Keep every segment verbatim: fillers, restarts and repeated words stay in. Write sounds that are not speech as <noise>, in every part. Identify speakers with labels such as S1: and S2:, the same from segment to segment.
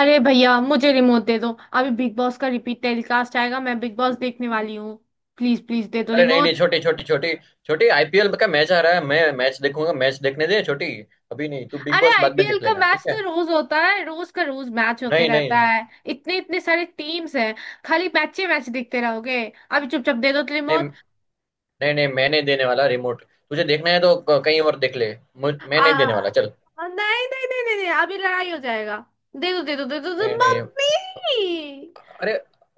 S1: अरे भैया मुझे रिमोट दे दो। अभी बिग बॉस का रिपीट टेलीकास्ट आएगा, मैं बिग बॉस देखने वाली हूँ। प्लीज प्लीज दे दो
S2: अरे नहीं
S1: रिमोट।
S2: नहीं छोटी छोटी छोटी छोटी आई पी एल का मैच आ रहा है। मैं मैच देखूंगा। मैच देखने दे छोटी। अभी नहीं, तू बिग
S1: अरे
S2: बॉस बाद में
S1: आईपीएल
S2: देख
S1: का
S2: लेना, ठीक
S1: मैच
S2: है?
S1: तो रोज होता है, रोज का रोज मैच होते
S2: नहीं
S1: रहता
S2: नहीं
S1: है। इतने इतने सारे टीम्स हैं। खाली मैचे मैच देखते रहोगे। अभी चुपचाप दे दो तो
S2: नहीं
S1: रिमोट।
S2: नहीं नहीं, मैं नहीं देने वाला रिमोट। तुझे देखना है तो क- कहीं और देख ले। मुझ- मैं
S1: आ
S2: नहीं देने वाला, चल।
S1: नहीं। नहीं नहीं नहीं नहीं, अभी लड़ाई हो जाएगा। दे दो दे दो दे दो, दे दो
S2: नहीं नहीं,
S1: मम्मी।
S2: अरे,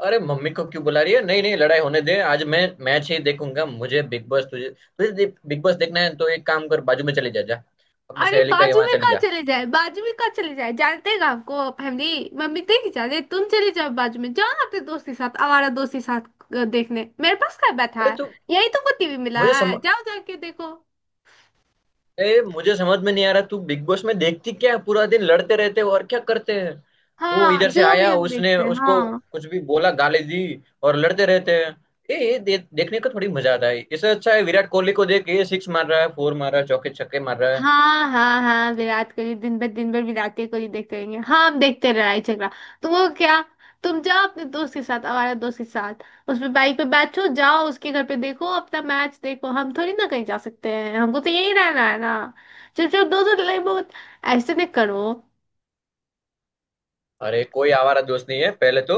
S2: अरे मम्मी को क्यों बुला रही है? नहीं नहीं, लड़ाई होने दे। आज मैं मैच ही देखूंगा। मुझे बिग बॉस, तुझे तुझे दे- बिग बॉस देखना है तो एक काम कर, बाजू में चली जा जा। अपनी
S1: अरे
S2: सहेली का
S1: बाजू
S2: यहाँ
S1: में
S2: चली
S1: कहाँ
S2: जा।
S1: चले जाए, बाजू में कहाँ चले जाए जानते हैं आपको? फैमिली मम्मी देख जाते। तुम चले जाओ बाजू में, जाओ ना अपने दोस्त के साथ, आवारा दोस्त के साथ। अ, देखने मेरे पास क्या बैठा
S2: अरे
S1: है?
S2: तू।
S1: यही तो को टीवी मिला
S2: मुझे सम,
S1: है, जाओ जाके देखो।
S2: ए, मुझे समझ में नहीं आ रहा तू बिग बॉस में देखती क्या है। पूरा दिन लड़ते रहते हो और क्या करते हैं। वो
S1: हाँ,
S2: इधर से
S1: जो भी
S2: आया,
S1: हम
S2: उसने
S1: देखते हैं,
S2: उसको
S1: हाँ।
S2: कुछ भी बोला, गाली दी, और लड़ते रहते हैं। ए, ये दे, देखने का थोड़ी मजा आता है। इससे अच्छा है विराट कोहली को देख, ये सिक्स मार रहा है, फोर मार रहा है, चौके छक्के मार रहा है।
S1: हाँ हाँ हाँ, विराट कोहली दिन भर, दिन भर विराट ही कोहली देखते रहेंगे। हाँ, हम देखते हैं लड़ाई झगड़ा, तो वो क्या। तुम जाओ अपने दोस्त के साथ, हमारे दोस्त के साथ। उस पे बाइक पे बैठो, जाओ उसके घर पे देखो अपना मैच देखो। हम थोड़ी ना कहीं जा सकते हैं, हमको तो यही रहना है ना। चलो चलो दोस्तों लड़ाई बहुत, ऐसे नहीं करो।
S2: अरे कोई आवारा दोस्त नहीं है पहले तो।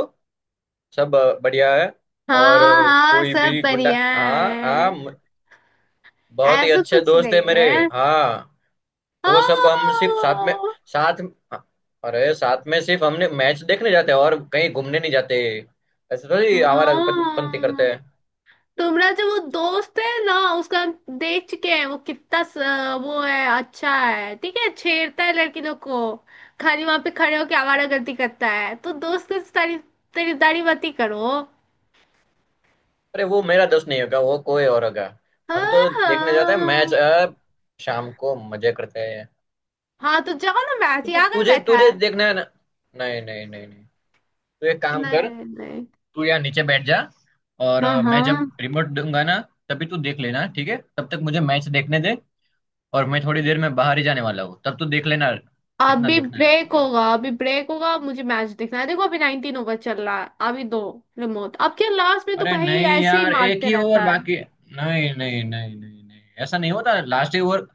S2: सब अ, बढ़िया है। और
S1: हाँ
S2: अ,
S1: हाँ
S2: कोई
S1: सब
S2: भी गुंडा,
S1: बढ़िया
S2: हाँ हाँ
S1: है।
S2: म- बहुत ही
S1: ऐसा
S2: अच्छे
S1: कुछ
S2: दोस्त
S1: नहीं
S2: है मेरे।
S1: है।
S2: हाँ, वो सब हम सिर्फ साथ में।
S1: हाँ।
S2: साथ अरे साथ में सिर्फ हमने मैच देखने जाते हैं और कहीं घूमने नहीं जाते। ऐसे थोड़ी आवारा पं- पंती करते
S1: हाँ,
S2: हैं।
S1: तुम्हारा जो वो दोस्त है ना, उसका हम देख चुके हैं वो कितना स, वो है। अच्छा है ठीक है, छेड़ता है लड़की लोग को, खाली वहां पे खड़े होके आवारागर्दी करता है। तो दोस्त की तारीफ, तारीफदारी मत ही करो।
S2: अरे वो मेरा दोस्त नहीं होगा, वो कोई और होगा। हम
S1: हाँ
S2: तो देखने जाते हैं मैच,
S1: हाँ।
S2: अब शाम को मजे करते हैं।
S1: हाँ, तो जाओ ना मैच,
S2: तुझे
S1: यहाँ कर
S2: तुझे
S1: बैठा
S2: तुझे
S1: है।
S2: देखना है ना। नहीं नहीं नहीं नहीं। तू एक काम कर,
S1: नहीं नहीं।
S2: तू यहाँ नीचे बैठ जा। और
S1: हाँ
S2: अ, मैं
S1: हाँ।
S2: जब रिमोट दूंगा ना तभी तू देख लेना, ठीक है? तब तक मुझे मैच देखने दे। और मैं थोड़ी देर में बाहर ही जाने वाला हूँ, तब तू देख लेना जितना
S1: अभी
S2: देखना है,
S1: ब्रेक
S2: ठीक है?
S1: होगा, अभी ब्रेक होगा, मुझे मैच देखना है। देखो अभी नाइन्टीन ओवर चल रहा है, अभी दो रिमोट। अब क्या लास्ट में तो
S2: अरे
S1: भाई
S2: नहीं
S1: ऐसे ही
S2: यार, एक
S1: मारते
S2: ही ओवर
S1: रहता है।
S2: बाकी है। नहीं नहीं नहीं नहीं नहीं, ऐसा नहीं होता लास्ट ओवर।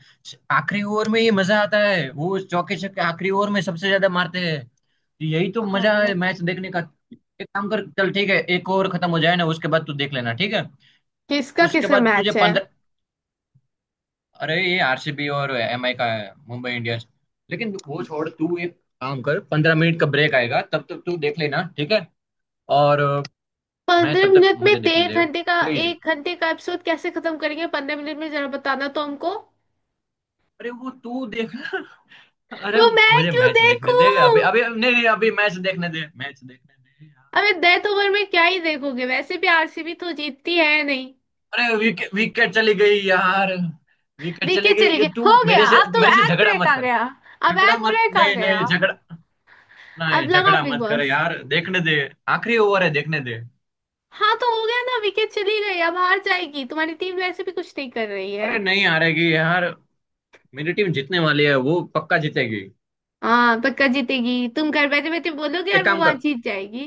S2: आखिरी ओवर में ये मजा आता है, वो चौके छक्के आखिरी ओवर में सबसे ज्यादा मारते हैं, तो यही तो मजा
S1: हाँ।
S2: है मैच देखने का। एक काम कर, चल ठीक है, एक ओवर खत्म हो जाए ना, उसके बाद तू देख लेना, ठीक है?
S1: किसका
S2: उसके
S1: किसका
S2: बाद तुझे
S1: मैच है?
S2: पंद्रह। अरे ये आर सी बी और एम आई का है, मुंबई इंडियंस। लेकिन वो छोड़, तू एक काम कर, पंद्रह मिनट का ब्रेक आएगा तब तक तू देख लेना, ठीक है? और अ, मैं
S1: पंद्रह
S2: तब तक
S1: मिनट में
S2: मुझे देखने
S1: डेढ़
S2: दे,
S1: घंटे का
S2: प्लीज।
S1: एक घंटे का एपिसोड कैसे खत्म करेंगे पंद्रह मिनट में, जरा बताना तो हमको।
S2: अरे वो तू देखना। अरे
S1: वो मैं
S2: मुझे
S1: क्यों
S2: मैच देखने दे, अभी
S1: देखूं?
S2: अभी नहीं नहीं अभी मैच देखने दे, मैच देखने दे यार।
S1: अबे डेथ ओवर में क्या ही देखोगे, वैसे भी आरसीबी तो जीतती है नहीं।
S2: अरे विकेट विकेट चली गई यार। विकेट चली
S1: विकेट
S2: गई
S1: चली
S2: ये
S1: गई,
S2: तू।
S1: हो गया,
S2: मेरे से
S1: अब तो
S2: मेरे से
S1: एड
S2: झगड़ा
S1: ब्रेक
S2: मत
S1: आ
S2: कर।
S1: गया। अब
S2: झगड़ा
S1: एड
S2: मत,
S1: ब्रेक आ
S2: नहीं
S1: गया।
S2: नहीं झगड़ा नहीं,
S1: अब लगाओ
S2: झगड़ा
S1: बिग
S2: मत कर
S1: बॉस।
S2: यार, देखने दे। आखिरी ओवर है, देखने दे।
S1: हाँ तो हो गया ना, विकेट चली गई, अब हार जाएगी तुम्हारी टीम, वैसे भी कुछ नहीं कर रही है।
S2: अरे नहीं हारेगी यार, मेरी टीम जीतने वाली है, वो पक्का जीतेगी।
S1: हाँ पक्का जीतेगी, तुम घर बैठे बैठे बोलोगे और
S2: एक
S1: वो
S2: काम
S1: वहां
S2: कर।
S1: जीत जाएगी।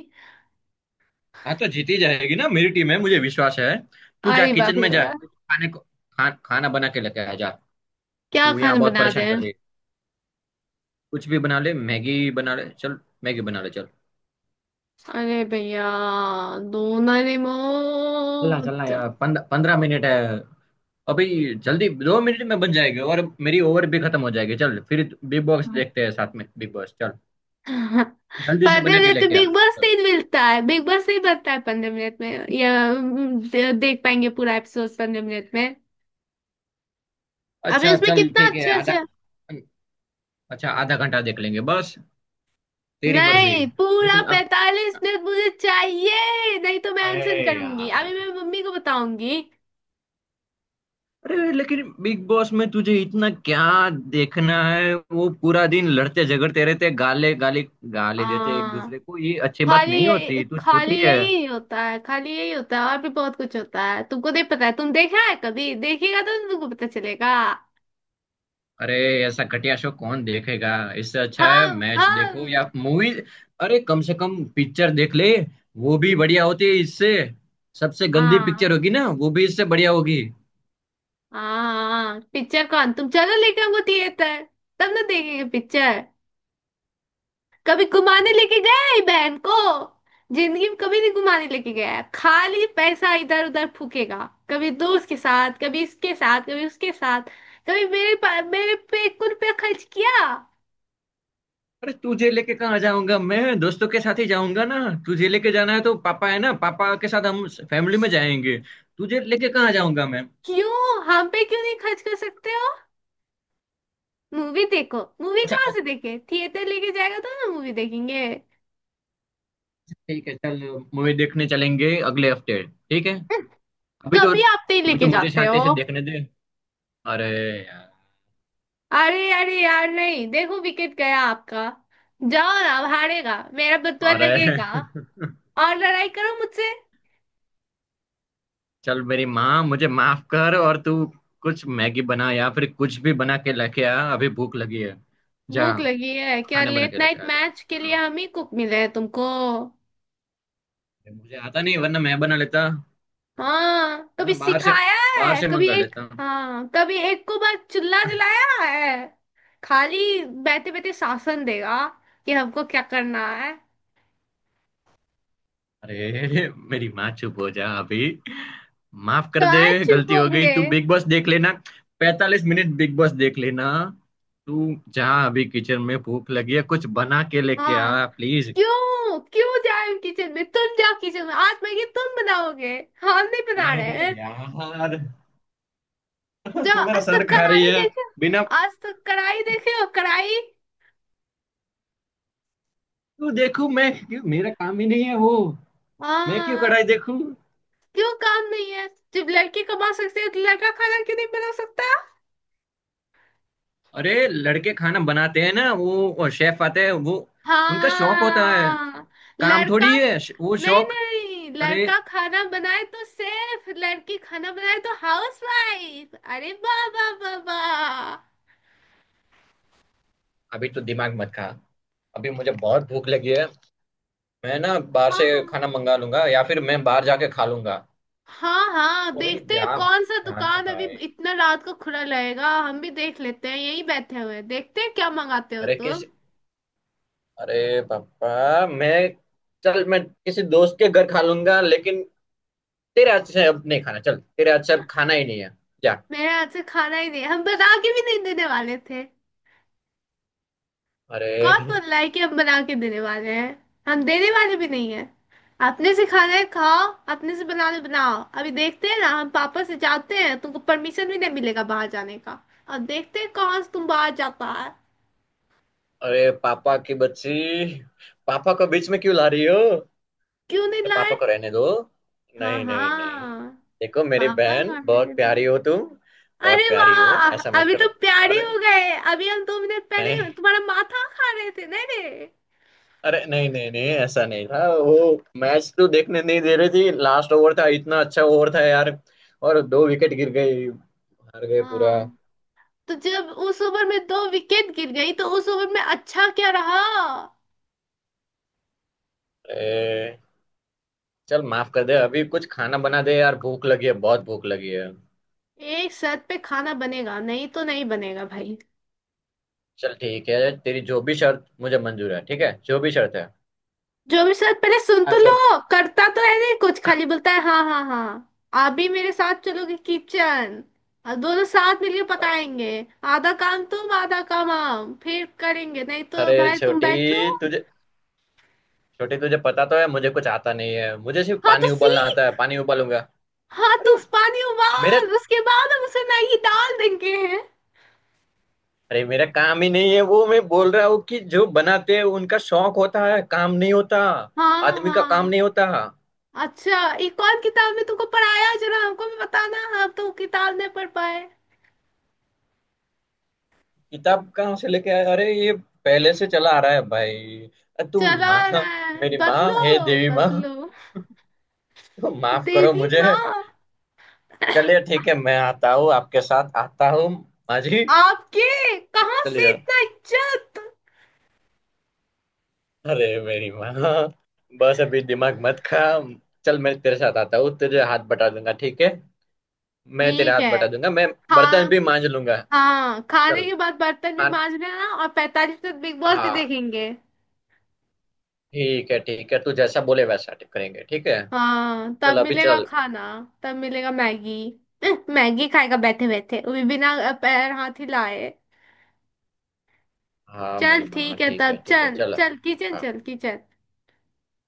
S2: हाँ तो जीती जाएगी ना, मेरी टीम है, मुझे विश्वास है। तू जा
S1: अरे बाप
S2: किचन
S1: रे,
S2: में, जा तू खाने को, खा, खाना बना के लेके आ जा।
S1: क्या
S2: तू यहाँ
S1: खाना
S2: बहुत
S1: बना दे।
S2: परेशान कर रही है। कुछ भी बना ले, मैगी बना ले चल, मैगी बना ले चल।
S1: अरे भैया
S2: चलना
S1: डोनारेमोन।
S2: चलना यार, पंद, पंद्रह मिनट है अभी, जल्दी दो मिनट में बन जाएगी, और मेरी ओवर भी खत्म हो जाएगी। चल फिर, बिग बॉस देखते हैं साथ में। बिग बॉस चल, जल्दी से
S1: पंद्रह
S2: बना के
S1: मिनट में
S2: लेके आ,
S1: बिग बॉस
S2: चल।
S1: नहीं मिलता है, बिग बॉस नहीं बनता है पंद्रह मिनट में। या हम्म, दे- देख पाएंगे पूरा एपिसोड पंद्रह मिनट में? अभी
S2: अच्छा
S1: उसमें
S2: चल
S1: कितना
S2: ठीक है,
S1: अच्छा
S2: आधा।
S1: अच्छा।
S2: अच्छा, आधा घंटा देख लेंगे बस। तेरी मर्जी।
S1: नहीं, पूरा
S2: लेकिन अब,
S1: पैतालीस मिनट मुझे चाहिए, नहीं तो मैं
S2: अरे
S1: अनशन करूंगी, अभी
S2: यार,
S1: मैं मम्मी को बताऊंगी।
S2: अरे लेकिन बिग बॉस में तुझे इतना क्या देखना है? वो पूरा दिन लड़ते झगड़ते रहते, गाले गाली गाली देते एक
S1: हाँ,
S2: दूसरे को, ये अच्छी बात
S1: खाली
S2: नहीं
S1: यही
S2: होती, तू
S1: खाली
S2: छोटी है।
S1: यही होता है, खाली यही होता है? और भी बहुत कुछ होता है, तुमको नहीं पता है। तुम देखा है कभी? देखिएगा तो तुमको पता चलेगा।
S2: अरे ऐसा घटिया शो कौन देखेगा। इससे अच्छा है
S1: हम
S2: मैच देखो या
S1: हम।
S2: मूवी। अरे कम से कम पिक्चर देख ले, वो भी बढ़िया होती है इससे। सबसे गंदी पिक्चर
S1: हाँ
S2: होगी ना, वो भी इससे बढ़िया होगी।
S1: हाँ, पिक्चर कौन तुम चलो लेके हमको थिएटर, तब ना देखेंगे पिक्चर। कभी घुमाने लेके गए बहन को? जिंदगी में कभी नहीं घुमाने लेके गया है। खाली पैसा इधर उधर फूकेगा, कभी दोस्त के साथ, कभी इसके साथ, कभी उसके साथ। कभी मेरे पा- मेरे पे कुल पे खर्च किया?
S2: अरे तुझे लेके कहाँ जाऊंगा मैं, दोस्तों के साथ ही जाऊंगा ना। तुझे लेके जाना है तो पापा है ना, पापा के साथ हम फैमिली में जाएंगे। तुझे लेके कहाँ जाऊंगा मैं।
S1: क्यों हम पे क्यों नहीं खर्च कर सकते हो? मूवी देखो, मूवी
S2: अच्छा
S1: कहाँ
S2: अच्छा,
S1: से देखे, थिएटर लेके जाएगा तो ना मूवी देखेंगे।
S2: ठीक है चल, मूवी देखने चलेंगे अगले हफ्ते, ठीक है? अभी तो,
S1: कभी आप नहीं
S2: अभी तो
S1: लेके
S2: मुझे
S1: जाते
S2: शांति से
S1: हो।
S2: देखने दे। अरे यार।
S1: अरे अरे यार नहीं, देखो विकेट गया आपका। जाओ ना, अब हारेगा मेरा बतुआ
S2: अरे
S1: लगेगा।
S2: <laughs>
S1: और लड़ाई करो मुझसे।
S2: चल मेरी माँ मुझे माफ कर। और तू कुछ मैगी बना या फिर कुछ भी बना के लेके आ, अभी भूख लगी है। जा
S1: भूख लगी है क्या?
S2: खाना बना
S1: लेट
S2: के लेके
S1: नाइट
S2: आ जा।
S1: मैच के लिए
S2: हाँ,
S1: हम ही कुक मिले हैं तुमको?
S2: मुझे आता नहीं वरना मैं बना लेता,
S1: हाँ
S2: है ना।
S1: कभी
S2: बाहर से,
S1: सिखाया
S2: बाहर
S1: है?
S2: से
S1: कभी
S2: मंगा
S1: एक,
S2: लेता हूँ।
S1: हाँ कभी एक को बस चुल्ला जलाया है। खाली बैठे बैठे शासन देगा कि हमको क्या करना है।
S2: अरे मेरी माँ चुप हो जा अभी, माफ कर दे,
S1: कहाँ चुप
S2: गलती हो गई।
S1: होंगे।
S2: तू बिग बॉस देख लेना, पैतालीस मिनट बिग बॉस देख लेना, तू जा अभी किचन में, भूख लगी है, कुछ बना के लेके आ
S1: हाँ।
S2: प्लीज।
S1: क्यों, क्यों जाए किचन में, तुम जाओ किचन में, आज मैगी तुम बनाओगे, हम नहीं बना रहे
S2: अरे
S1: हैं।
S2: यार <laughs> तू
S1: जाओ,
S2: मेरा
S1: आज
S2: सर
S1: तक
S2: खा रही
S1: कढ़ाई
S2: है।
S1: देखे,
S2: बिना
S1: आज तक कढ़ाई देखे हो कढ़ाई?
S2: तू देखू मैं क्यों, मेरा काम ही नहीं है वो। मैं क्यों
S1: हाँ।
S2: कढ़ाई देखूं।
S1: क्यों काम नहीं है? जब लड़के कमा सकते हैं, तो लड़का खाना क्यों नहीं बना सकता?
S2: अरे लड़के खाना बनाते हैं ना, वो शेफ आते हैं वो, उनका शौक होता है।
S1: हाँ
S2: काम
S1: लड़का।
S2: थोड़ी है, श- वो
S1: नहीं
S2: शौक।
S1: नहीं,
S2: अरे
S1: लड़का खाना बनाए तो सेफ, लड़की खाना बनाए तो हाउस वाइफ, अरे वाह वाह वाह वाह।
S2: अभी तो दिमाग मत खा, अभी मुझे बहुत भूख लगी है। मैं ना बाहर से
S1: हाँ
S2: खाना मंगा लूंगा या फिर मैं बाहर जाके खा लूंगा।
S1: हाँ हाँ,
S2: तो भाई
S1: देखते हैं
S2: जा
S1: कौन सा
S2: जाना
S1: दुकान अभी
S2: भाई।
S1: इतना रात को खुला रहेगा। हम भी देख लेते हैं, यही बैठे हुए हैं, देखते हैं क्या मंगाते हो
S2: अरे किस,
S1: तुम।
S2: अरे पापा मैं। चल मैं किसी दोस्त के घर खा लूंगा, लेकिन तेरे हाथ से अब नहीं खाना। चल, तेरे हाथ से अब खाना ही नहीं है, जा।
S1: मेरे हाथ से खाना ही नहीं, हम बना के भी नहीं देने वाले थे।
S2: अरे
S1: कौन बोल रहा है कि हम बना के देने वाले हैं? हम देने वाले भी नहीं है। अपने से खाना है खाओ, अपने से बनाने बनाओ। अभी देखते हैं ना, हम पापा से जाते हैं, तुमको परमिशन भी नहीं मिलेगा बाहर जाने का। अब देखते हैं कौन से तुम बाहर जाता है।
S2: अरे पापा की बच्ची, पापा को बीच में क्यों ला रही हो?
S1: क्यों नहीं
S2: अपने
S1: लाए?
S2: पापा को रहने दो।
S1: हाँ
S2: नहीं नहीं नहीं,
S1: हाँ,
S2: देखो मेरी
S1: पापा
S2: बहन,
S1: का मैंने
S2: बहुत प्यारी
S1: तो।
S2: हो तुम। बहुत
S1: अरे
S2: प्यारी हो,
S1: वाह,
S2: ऐसा मत
S1: अभी
S2: करो।
S1: तो प्यारे
S2: अरे
S1: हो गए, अभी हम दो मिनट
S2: नहीं,
S1: पहले तुम्हारा माथा खा रहे थे नहीं रे?
S2: अरे नहीं नहीं नहीं, ऐसा नहीं था वो। मैच तो देखने नहीं दे रही थी, लास्ट ओवर था, इतना अच्छा ओवर था यार, और दो विकेट गिर गई, हार गए पूरा।
S1: हाँ तो जब उस ओवर में दो विकेट गिर गई, तो उस ओवर में अच्छा क्या रहा?
S2: ए, चल माफ कर दे, अभी कुछ खाना बना दे यार, भूख लगी है, बहुत भूख लगी है।
S1: एक शर्त पे खाना बनेगा, नहीं तो नहीं बनेगा भाई।
S2: चल ठीक है, तेरी जो भी शर्त मुझे मंजूर है, ठीक है, जो भी शर्त है।
S1: जो भी शर्त पहले सुन तो
S2: हाँ
S1: लो,
S2: शर्त।
S1: करता तो है नहीं कुछ, खाली बोलता है हाँ हाँ हाँ। आप भी मेरे साथ चलोगे किचन, और दोनों साथ मिलकर पकाएंगे। आधा काम तुम, आधा काम हम फिर करेंगे, नहीं तो
S2: अरे
S1: भाई तुम बैठो।
S2: छोटी तुझे, छोटी तुझे पता तो है मुझे कुछ आता नहीं है, मुझे सिर्फ
S1: हाँ तो
S2: पानी उबालना आता है,
S1: सीख।
S2: पानी उबालूंगा।
S1: हाँ तो
S2: अरे
S1: उस पानी
S2: मेरे,
S1: उबाल, उसके बाद हम उसे मैगी डाल देंगे।
S2: अरे मेरा काम ही नहीं है वो, मैं बोल रहा हूँ कि जो बनाते हैं उनका शौक होता है, काम नहीं होता।
S1: हाँ
S2: आदमी का काम
S1: हाँ।
S2: नहीं होता।
S1: अच्छा, ये कौन किताब में तुमको पढ़ाया, जरा हमको भी बताना, हम तो किताब नहीं पढ़ पाए।
S2: किताब कहाँ से लेके आया, अरे ये पहले से चला आ रहा है भाई। अ, तू
S1: चला
S2: माँ,
S1: रहा है,
S2: मेरी माँ,
S1: बदलो,
S2: हे देवी माँ,
S1: बदलो,
S2: तो माफ करो
S1: देवी
S2: मुझे।
S1: माँ।
S2: चलिए ठीक है, मैं आता हूँ, आपके साथ आता हूँ माँ जी।
S1: आपके कहाँ से
S2: चलिए,
S1: इतना इज्जत?
S2: अरे मेरी माँ, बस अभी दिमाग मत खा। चल मैं तेरे साथ आता हूँ, तेरे हाथ बटा दूंगा, ठीक है? मैं तेरे
S1: ठीक
S2: हाथ
S1: है।
S2: बटा दूंगा, मैं बर्तन
S1: हाँ
S2: भी मांज लूंगा।
S1: हाँ, खाने
S2: चल,
S1: के बाद बर्तन भी
S2: हाँ
S1: मांज लेना, और पैतालीस तक बिग बॉस भी
S2: हाँ
S1: देखेंगे।
S2: ठीक है ठीक है, तू जैसा बोले वैसा करेंगे, ठीक है?
S1: हाँ तब
S2: चल अभी
S1: मिलेगा
S2: चल।
S1: खाना, तब मिलेगा मैगी। अह, मैगी खाएगा बैठे बैठे, वो भी बिना अ, पैर हाथ हिलाए।
S2: हाँ
S1: चल
S2: मेरी माँ,
S1: ठीक है,
S2: ठीक है
S1: तब
S2: ठीक है,
S1: चल
S2: चल
S1: चल किचन
S2: हाँ।
S1: चल किचन।